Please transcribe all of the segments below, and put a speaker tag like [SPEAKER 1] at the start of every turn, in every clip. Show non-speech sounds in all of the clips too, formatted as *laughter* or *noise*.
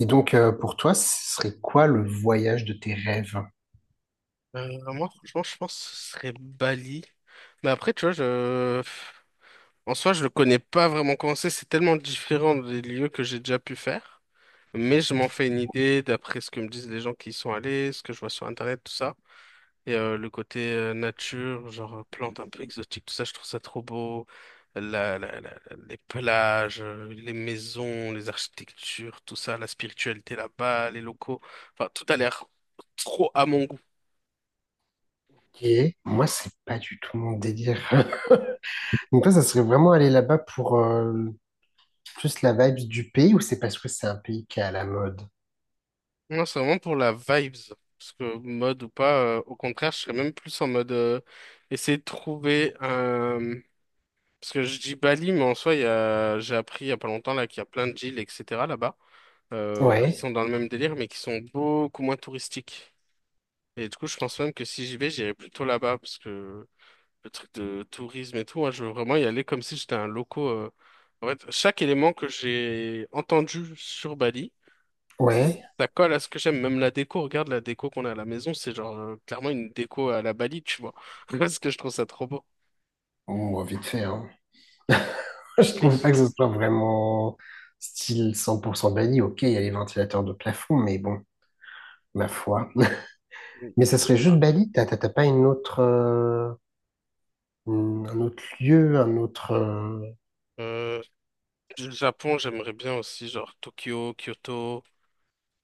[SPEAKER 1] Et donc, pour toi, ce serait quoi le voyage de tes rêves?
[SPEAKER 2] Euh, Moi, franchement, je pense que ce serait Bali. Mais après, tu vois, en soi, je le connais pas vraiment comment c'est. C'est tellement différent des lieux que j'ai déjà pu faire. Mais je m'en fais une idée d'après ce que me disent les gens qui y sont allés, ce que je vois sur Internet, tout ça. Et le côté nature, genre plantes un peu exotiques, tout ça, je trouve ça trop beau. La, la- la- les plages, les maisons, les architectures, tout ça, la spiritualité là-bas, les locaux. Enfin, tout a l'air trop à mon goût.
[SPEAKER 1] Et moi, c'est pas du tout mon délire. *laughs* Donc toi, ça serait vraiment aller là-bas pour plus la vibe du pays ou c'est parce que c'est un pays qui est à la mode?
[SPEAKER 2] Non, c'est vraiment pour la vibes. Parce que mode ou pas, au contraire, je serais même plus en mode essayer de trouver un. Parce que je dis Bali, mais en soi, j'ai appris il y a pas longtemps là qu'il y a plein de îles, etc. là-bas, qui
[SPEAKER 1] Ouais,
[SPEAKER 2] sont dans le même délire, mais qui sont beaucoup moins touristiques. Et du coup, je pense même que si j'y vais, j'irai plutôt là-bas, parce que le truc de tourisme et tout, moi, je veux vraiment y aller comme si j'étais un loco. En fait, chaque élément que j'ai entendu sur Bali.
[SPEAKER 1] ouais.
[SPEAKER 2] Ça colle à ce que j'aime. Même la déco, regarde la déco qu'on a à la maison, c'est genre clairement une déco à la Bali, tu vois. *laughs* Parce que je trouve ça trop beau.
[SPEAKER 1] Bon, vite fait, hein. *laughs* Je trouve pas
[SPEAKER 2] Et-
[SPEAKER 1] que ce soit vraiment style 100% Bali. Ok, il y a les ventilateurs de plafond, mais bon, ma foi. *laughs* Mais ça
[SPEAKER 2] Tu
[SPEAKER 1] serait juste
[SPEAKER 2] verras.
[SPEAKER 1] Bali? T'as pas une autre, un autre lieu, un autre,
[SPEAKER 2] Euh, le Japon, j'aimerais bien aussi, genre Tokyo, Kyoto,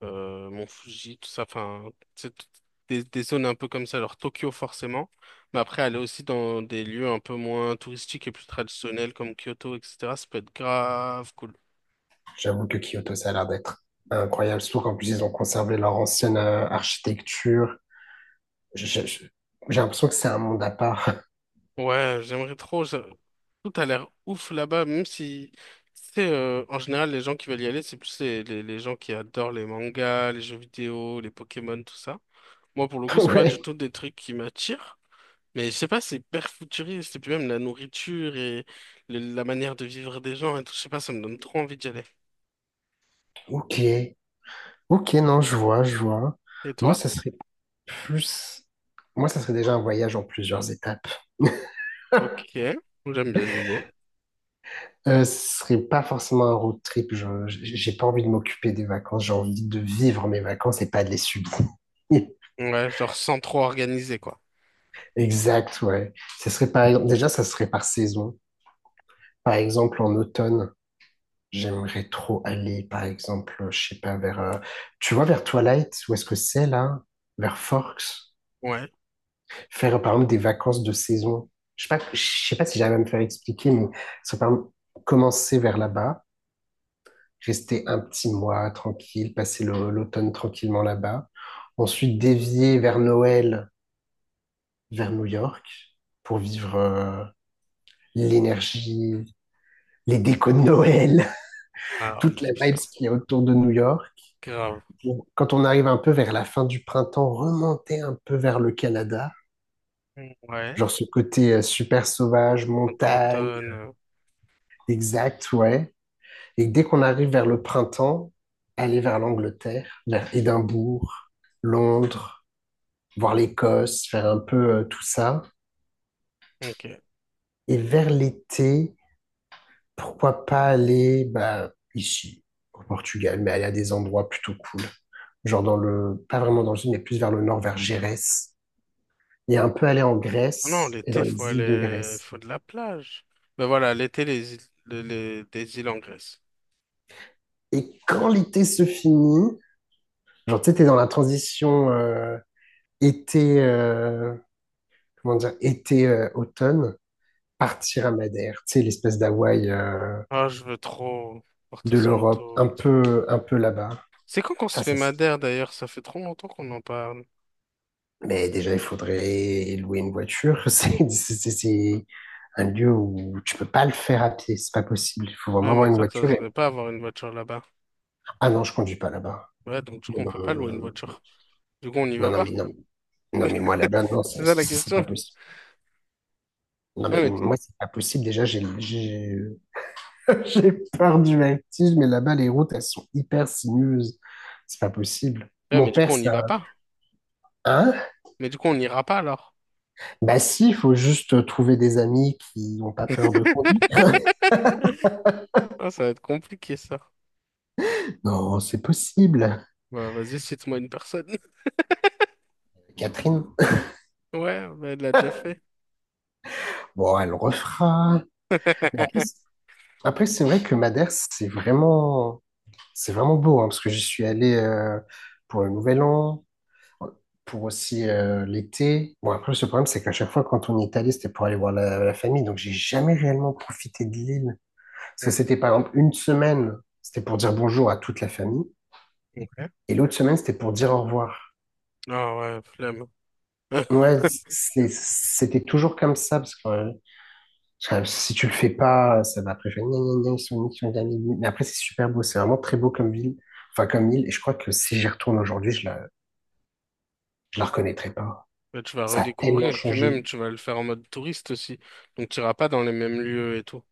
[SPEAKER 2] Mont Fuji, tout ça. Enfin, c'est tout- des zones un peu comme ça. Alors Tokyo, forcément. Mais après, aller aussi dans des lieux un peu moins touristiques et plus traditionnels comme Kyoto, etc. Ça peut être grave cool.
[SPEAKER 1] J'avoue que Kyoto, ça a l'air d'être incroyable, surtout qu'en plus, ils ont conservé leur ancienne architecture. Je- je- J'ai l'impression que c'est un monde à part.
[SPEAKER 2] Ouais, j'aimerais trop. Tout a l'air ouf là-bas, même si, c'est en général, les gens qui veulent y aller, c'est plus les gens qui adorent les mangas, les jeux vidéo, les Pokémon, tout ça. Moi, pour le
[SPEAKER 1] *laughs*
[SPEAKER 2] coup, c'est pas du
[SPEAKER 1] Ouais,
[SPEAKER 2] tout des trucs qui m'attirent. Mais je sais pas, c'est hyper futuriste. Et puis même la nourriture et la manière de vivre des gens et tout, je sais pas, ça me donne trop envie d'y aller.
[SPEAKER 1] ok. Ok, non, je vois, je vois.
[SPEAKER 2] Et
[SPEAKER 1] Moi,
[SPEAKER 2] toi?
[SPEAKER 1] ça serait plus... Moi, ça serait déjà un voyage en plusieurs étapes. *laughs*
[SPEAKER 2] Ok, j'aime bien l'idée.
[SPEAKER 1] Ce serait pas forcément un road trip. J'ai pas envie de m'occuper des vacances. J'ai envie de vivre mes vacances et pas de les subir. *laughs*
[SPEAKER 2] Ouais, genre sans trop organiser, quoi.
[SPEAKER 1] Exact, ouais. Déjà, ça serait par saison. Par exemple, en automne, j'aimerais trop aller, par exemple, je sais pas, vers, tu vois, vers Twilight, où est-ce que c'est là? Vers Forks.
[SPEAKER 2] Ouais.
[SPEAKER 1] Faire, par exemple, des vacances de saison. Je sais pas si j'arrive à me faire expliquer, mais ça par exemple, commencer vers là-bas, rester un petit mois tranquille, passer l'automne tranquillement là-bas. Ensuite, dévier vers Noël, vers New York, pour vivre, l'énergie, les décos de Noël, *laughs*
[SPEAKER 2] Ah oui,
[SPEAKER 1] toute la vibe
[SPEAKER 2] putain.
[SPEAKER 1] qui est autour de New York
[SPEAKER 2] Grave.
[SPEAKER 1] pour, quand on arrive un peu vers la fin du printemps, remonter un peu vers le Canada,
[SPEAKER 2] Ouais.
[SPEAKER 1] genre ce côté super sauvage,
[SPEAKER 2] Printemps,
[SPEAKER 1] montagne,
[SPEAKER 2] automne.
[SPEAKER 1] exact, ouais. Et dès qu'on arrive vers le printemps, aller vers l'Angleterre, vers Édimbourg, Londres, voir l'Écosse, faire un peu tout ça.
[SPEAKER 2] Ok.
[SPEAKER 1] Et vers l'été, pourquoi pas aller bah, ici, au Portugal, mais aller à des endroits plutôt cool. Genre dans le, pas vraiment dans le sud, mais plus vers le nord, vers Gérès et un peu aller en
[SPEAKER 2] Ah non,
[SPEAKER 1] Grèce et dans
[SPEAKER 2] l'été, faut
[SPEAKER 1] les îles de
[SPEAKER 2] aller,
[SPEAKER 1] Grèce.
[SPEAKER 2] faut de la plage. Mais voilà, l'été, les îles, des îles en Grèce.
[SPEAKER 1] Et quand l'été se finit, genre, tu sais, t'es dans la transition été, comment dire, été-automne, partir à Madère, tu sais, l'espèce d'Hawaï
[SPEAKER 2] Ah, je veux trop Porto
[SPEAKER 1] de l'Europe,
[SPEAKER 2] Santo et tout.
[SPEAKER 1] un peu là-bas.
[SPEAKER 2] C'est quand qu'on se
[SPEAKER 1] Ça,
[SPEAKER 2] fait
[SPEAKER 1] ça, ça.
[SPEAKER 2] Madère d'ailleurs? Ça fait trop longtemps qu'on en parle.
[SPEAKER 1] Mais déjà, il faudrait louer une voiture. *laughs* C'est un lieu où tu peux pas le faire à pied, c'est pas possible. Il faut vraiment
[SPEAKER 2] Ouais,
[SPEAKER 1] avoir
[SPEAKER 2] mais
[SPEAKER 1] une
[SPEAKER 2] toi,
[SPEAKER 1] voiture. Et-
[SPEAKER 2] t'oserais pas avoir une voiture là-bas.
[SPEAKER 1] Ah non, je conduis pas là-bas.
[SPEAKER 2] Ouais, donc du coup,
[SPEAKER 1] Non,
[SPEAKER 2] on
[SPEAKER 1] non,
[SPEAKER 2] peut pas louer une
[SPEAKER 1] non,
[SPEAKER 2] voiture. Du coup, on n'y
[SPEAKER 1] non,
[SPEAKER 2] va
[SPEAKER 1] non, mais
[SPEAKER 2] pas.
[SPEAKER 1] non. Non, mais moi,
[SPEAKER 2] *laughs*
[SPEAKER 1] là-bas, non,
[SPEAKER 2] C'est ça la
[SPEAKER 1] c'est pas
[SPEAKER 2] question.
[SPEAKER 1] possible. Non, mais
[SPEAKER 2] Ouais,
[SPEAKER 1] moi, c'est pas possible. Déjà, *laughs* j'ai peur du vertige, mais là-bas, les routes, elles sont hyper sinueuses. C'est pas possible.
[SPEAKER 2] ouais,
[SPEAKER 1] Mon
[SPEAKER 2] mais du coup,
[SPEAKER 1] père,
[SPEAKER 2] on n'y
[SPEAKER 1] ça.
[SPEAKER 2] va pas.
[SPEAKER 1] Hein?
[SPEAKER 2] Mais du coup, on n'ira pas alors.
[SPEAKER 1] Bah, si, il faut juste trouver des amis qui n'ont pas peur de conduire.
[SPEAKER 2] *laughs* Ah, ça va être compliqué ça.
[SPEAKER 1] Non, c'est possible.
[SPEAKER 2] Bah, vas-y, cite-moi une personne. *laughs*
[SPEAKER 1] Catherine.
[SPEAKER 2] Ouais, bah, elle l'a déjà fait.
[SPEAKER 1] Bon, elle refera. Mais après, c'est
[SPEAKER 2] *laughs*
[SPEAKER 1] après, c'est vrai que Madère, c'est vraiment beau, hein, parce que j'y suis allé pour le Nouvel An. Pour aussi l'été. Bon, après, le problème, c'est qu'à chaque fois, quand on est allé, c'était pour aller voir la famille. Donc, j'ai jamais réellement profité de l'île. Parce que
[SPEAKER 2] Ouais,
[SPEAKER 1] c'était, par exemple, une semaine, c'était pour dire bonjour à toute la famille.
[SPEAKER 2] Ok.
[SPEAKER 1] Et l'autre semaine, c'était pour dire au revoir.
[SPEAKER 2] Ah ouais, flemme. *laughs*
[SPEAKER 1] Ouais, c'était toujours comme ça. Parce que si tu le fais pas, ça va après faire gna gna gna, ils sont nuls, ils sont nuls. Mais après, c'est super beau. C'est vraiment très beau comme ville. Enfin, comme île. Et je crois que si j'y retourne aujourd'hui, je la reconnaîtrai pas.
[SPEAKER 2] Mais tu vas
[SPEAKER 1] Ça a tellement
[SPEAKER 2] redécouvrir, puis
[SPEAKER 1] changé.
[SPEAKER 2] même tu vas le faire en mode touriste aussi. Donc tu iras pas dans les mêmes lieux et tout.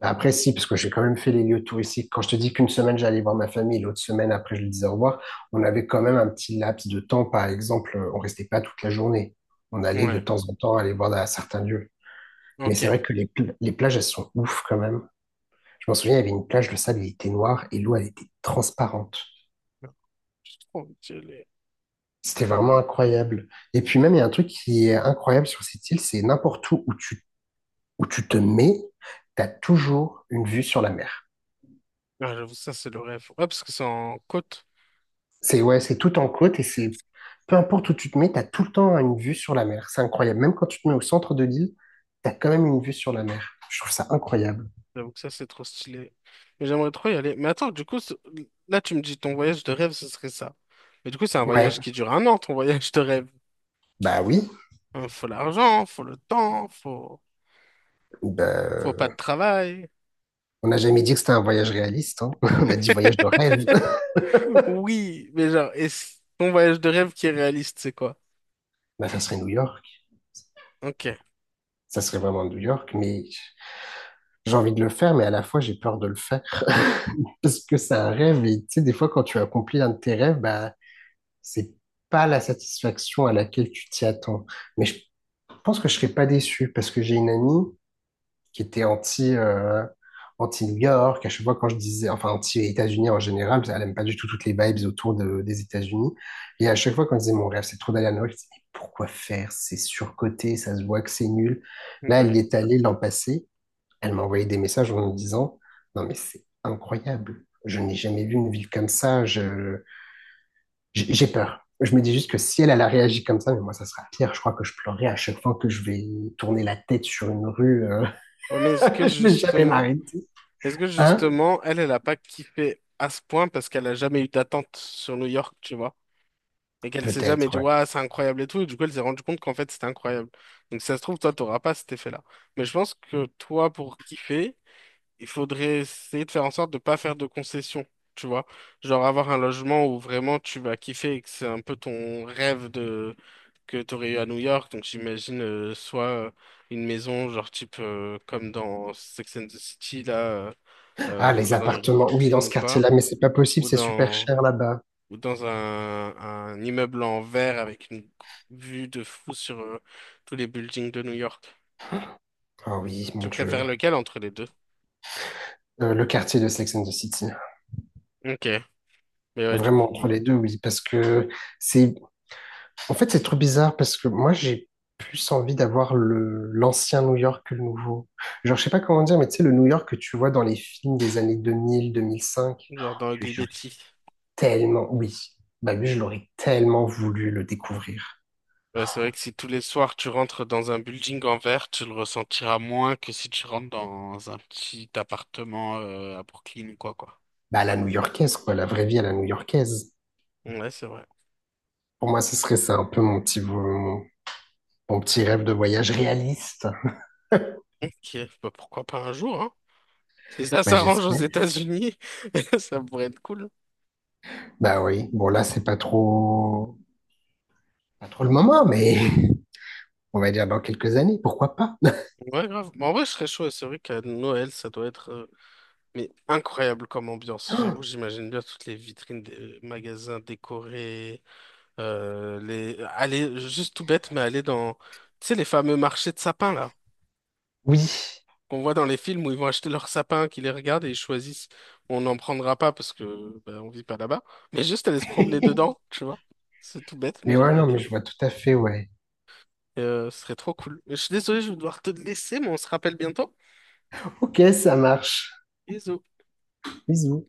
[SPEAKER 1] Après, si, parce que j'ai quand même fait les lieux touristiques. Quand je te dis qu'une semaine, j'allais voir ma famille, l'autre semaine, après, je lui disais au revoir, on avait quand même un petit laps de temps. Par exemple, on restait pas toute la journée. On allait de
[SPEAKER 2] Ouais,
[SPEAKER 1] temps en temps aller voir à certains lieux. Mais c'est
[SPEAKER 2] ok.
[SPEAKER 1] vrai que les plages, elles sont ouf quand même. Je m'en souviens, il y avait une plage, le sable, il était noir et l'eau, elle était transparente.
[SPEAKER 2] C'est trop stylé.
[SPEAKER 1] C'était vraiment incroyable. Et puis même, il y a un truc qui est incroyable sur cette île, c'est n'importe où où tu te mets, tu as toujours une vue sur la mer.
[SPEAKER 2] Ah, j'avoue, ça c'est le rêve. Ouais, parce que c'est en côte.
[SPEAKER 1] C'est ouais, c'est tout en côte et c'est peu importe où tu te mets, t'as tout le temps une vue sur la mer. C'est incroyable. Même quand tu te mets au centre de l'île, t'as quand même une vue sur la mer. Je trouve ça incroyable.
[SPEAKER 2] J'avoue que ça c'est trop stylé. Mais j'aimerais trop y aller. Mais attends, du coup, là tu me dis ton voyage de rêve, ce serait ça. Mais du coup, c'est un
[SPEAKER 1] Ouais,
[SPEAKER 2] voyage qui dure 1 an, ton voyage de rêve.
[SPEAKER 1] bah oui.
[SPEAKER 2] Hein, faut l'argent, faut le temps, faut pas de
[SPEAKER 1] Bah,
[SPEAKER 2] travail.
[SPEAKER 1] on n'a jamais dit que c'était un voyage réaliste, hein. *laughs* On a dit voyage de
[SPEAKER 2] *laughs*
[SPEAKER 1] rêve. *laughs*
[SPEAKER 2] Oui, mais genre, est-ce ton voyage de rêve qui est réaliste, c'est quoi?
[SPEAKER 1] Bah, ça serait New York.
[SPEAKER 2] Ok.
[SPEAKER 1] Ça serait vraiment New York. Mais j'ai envie de le faire, mais à la fois, j'ai peur de le faire. *laughs* Parce que c'est un rêve. Et tu sais, des fois, quand tu accomplis un de tes rêves, bah, c'est pas la satisfaction à laquelle tu t'y attends. Mais je Je pense que je serais pas déçu parce que j'ai une amie qui était anti, anti-New York. À chaque fois, quand je disais, enfin, anti-États-Unis en général, parce qu'elle aime pas du tout toutes les vibes autour des États-Unis. Et à chaque fois, quand je disais, mon rêve, c'est trop d'aller à New York, je disais, mais pourquoi faire? C'est surcoté, ça se voit que c'est nul. Là, elle
[SPEAKER 2] Ouais.
[SPEAKER 1] y est allée l'an passé. Elle m'a envoyé des messages en me disant, non, mais c'est incroyable. Je n'ai jamais vu une ville comme ça. J'ai peur. Je me dis juste que si elle, elle a réagi comme ça, mais moi, ça sera pire. Je crois que je pleurerai à chaque fois que je vais tourner la tête sur une rue.
[SPEAKER 2] Ouais, mais
[SPEAKER 1] *laughs*
[SPEAKER 2] est-ce que
[SPEAKER 1] Je vais jamais
[SPEAKER 2] justement,
[SPEAKER 1] m'arrêter.
[SPEAKER 2] est-ce que
[SPEAKER 1] Hein?
[SPEAKER 2] justement, elle, elle a pas kiffé à ce point parce qu'elle a jamais eu d'attente sur New York, tu vois? Et qu'elle s'est jamais
[SPEAKER 1] Peut-être,
[SPEAKER 2] dit,
[SPEAKER 1] ouais.
[SPEAKER 2] ouais, c'est incroyable et tout. Et du coup, elle s'est rendue compte qu'en fait, c'était incroyable. Donc, si ça se trouve, toi, t'auras pas cet effet-là. Mais je pense que toi, pour kiffer, il faudrait essayer de faire en sorte de pas faire de concessions, tu vois. Genre avoir un logement où vraiment tu vas kiffer et que c'est un peu ton rêve de que tu aurais eu à New York. Donc j'imagine soit une maison genre type comme dans Sex and the City là,
[SPEAKER 1] Ah, les
[SPEAKER 2] genre dans les rues de
[SPEAKER 1] appartements. Oui, dans
[SPEAKER 2] Brooklyn
[SPEAKER 1] ce
[SPEAKER 2] ou quoi,
[SPEAKER 1] quartier-là, mais c'est pas possible,
[SPEAKER 2] ou
[SPEAKER 1] c'est super
[SPEAKER 2] dans
[SPEAKER 1] cher là-bas.
[SPEAKER 2] ou dans un immeuble en verre avec une vue de fou sur tous les buildings de New York.
[SPEAKER 1] Ah oui, mon
[SPEAKER 2] Tu préfères
[SPEAKER 1] Dieu.
[SPEAKER 2] lequel entre les deux?
[SPEAKER 1] Le quartier de Sex and the City.
[SPEAKER 2] Ok, mais ouais, du coup,
[SPEAKER 1] Vraiment, entre les deux, oui, parce que c'est... En fait, c'est trop bizarre, parce que moi, j'ai plus envie d'avoir le l'ancien New York que le nouveau. Genre, je sais pas comment dire, mais tu sais, le New York que tu vois dans les films des années 2000, 2005,
[SPEAKER 2] genre dans Ugly
[SPEAKER 1] j'aurais
[SPEAKER 2] Betty.
[SPEAKER 1] tellement, oui, bah lui, je l'aurais tellement voulu le découvrir.
[SPEAKER 2] Ouais, c'est vrai que si tous les soirs tu rentres dans un building en verre, tu le ressentiras moins que si tu rentres dans un petit appartement à Brooklyn ou quoi, quoi.
[SPEAKER 1] Bah, à la new-yorkaise, quoi, la vraie vie à la new-yorkaise.
[SPEAKER 2] Ouais, c'est vrai.
[SPEAKER 1] Pour moi, ce serait ça un peu mon petit rêve de voyage réaliste.
[SPEAKER 2] Ok, bah, pourquoi pas un jour, hein? Si ça
[SPEAKER 1] Bah,
[SPEAKER 2] s'arrange aux
[SPEAKER 1] j'espère.
[SPEAKER 2] États-Unis, *laughs* ça pourrait être cool.
[SPEAKER 1] Bah oui, bon, là, c'est pas trop, pas trop le moment, mais *laughs* on va dire dans quelques années, pourquoi pas? *gasps*
[SPEAKER 2] Ouais, grave. Mais en vrai, je serais chaud. Ouais. C'est vrai qu'à Noël, ça doit être mais incroyable comme ambiance. J'avoue,
[SPEAKER 1] *laughs*
[SPEAKER 2] j'imagine bien toutes les vitrines des magasins décorés. Aller, juste tout bête, mais aller dans, tu sais, les fameux marchés de sapins, là.
[SPEAKER 1] Oui.
[SPEAKER 2] Qu'on voit dans les films où ils vont acheter leurs sapins, qu'ils les regardent et ils choisissent. On n'en prendra pas parce que ben, on vit pas là-bas, mais juste aller se promener
[SPEAKER 1] *laughs*
[SPEAKER 2] dedans, tu vois. C'est tout bête, mais
[SPEAKER 1] Mais ouais,
[SPEAKER 2] j'aimerais
[SPEAKER 1] non, mais
[SPEAKER 2] bien.
[SPEAKER 1] je vois tout à fait, ouais.
[SPEAKER 2] Et, ce serait trop cool. Je suis désolé, je vais devoir te laisser, mais on se rappelle bientôt.
[SPEAKER 1] Ok, ça marche.
[SPEAKER 2] Bisous.
[SPEAKER 1] Bisous.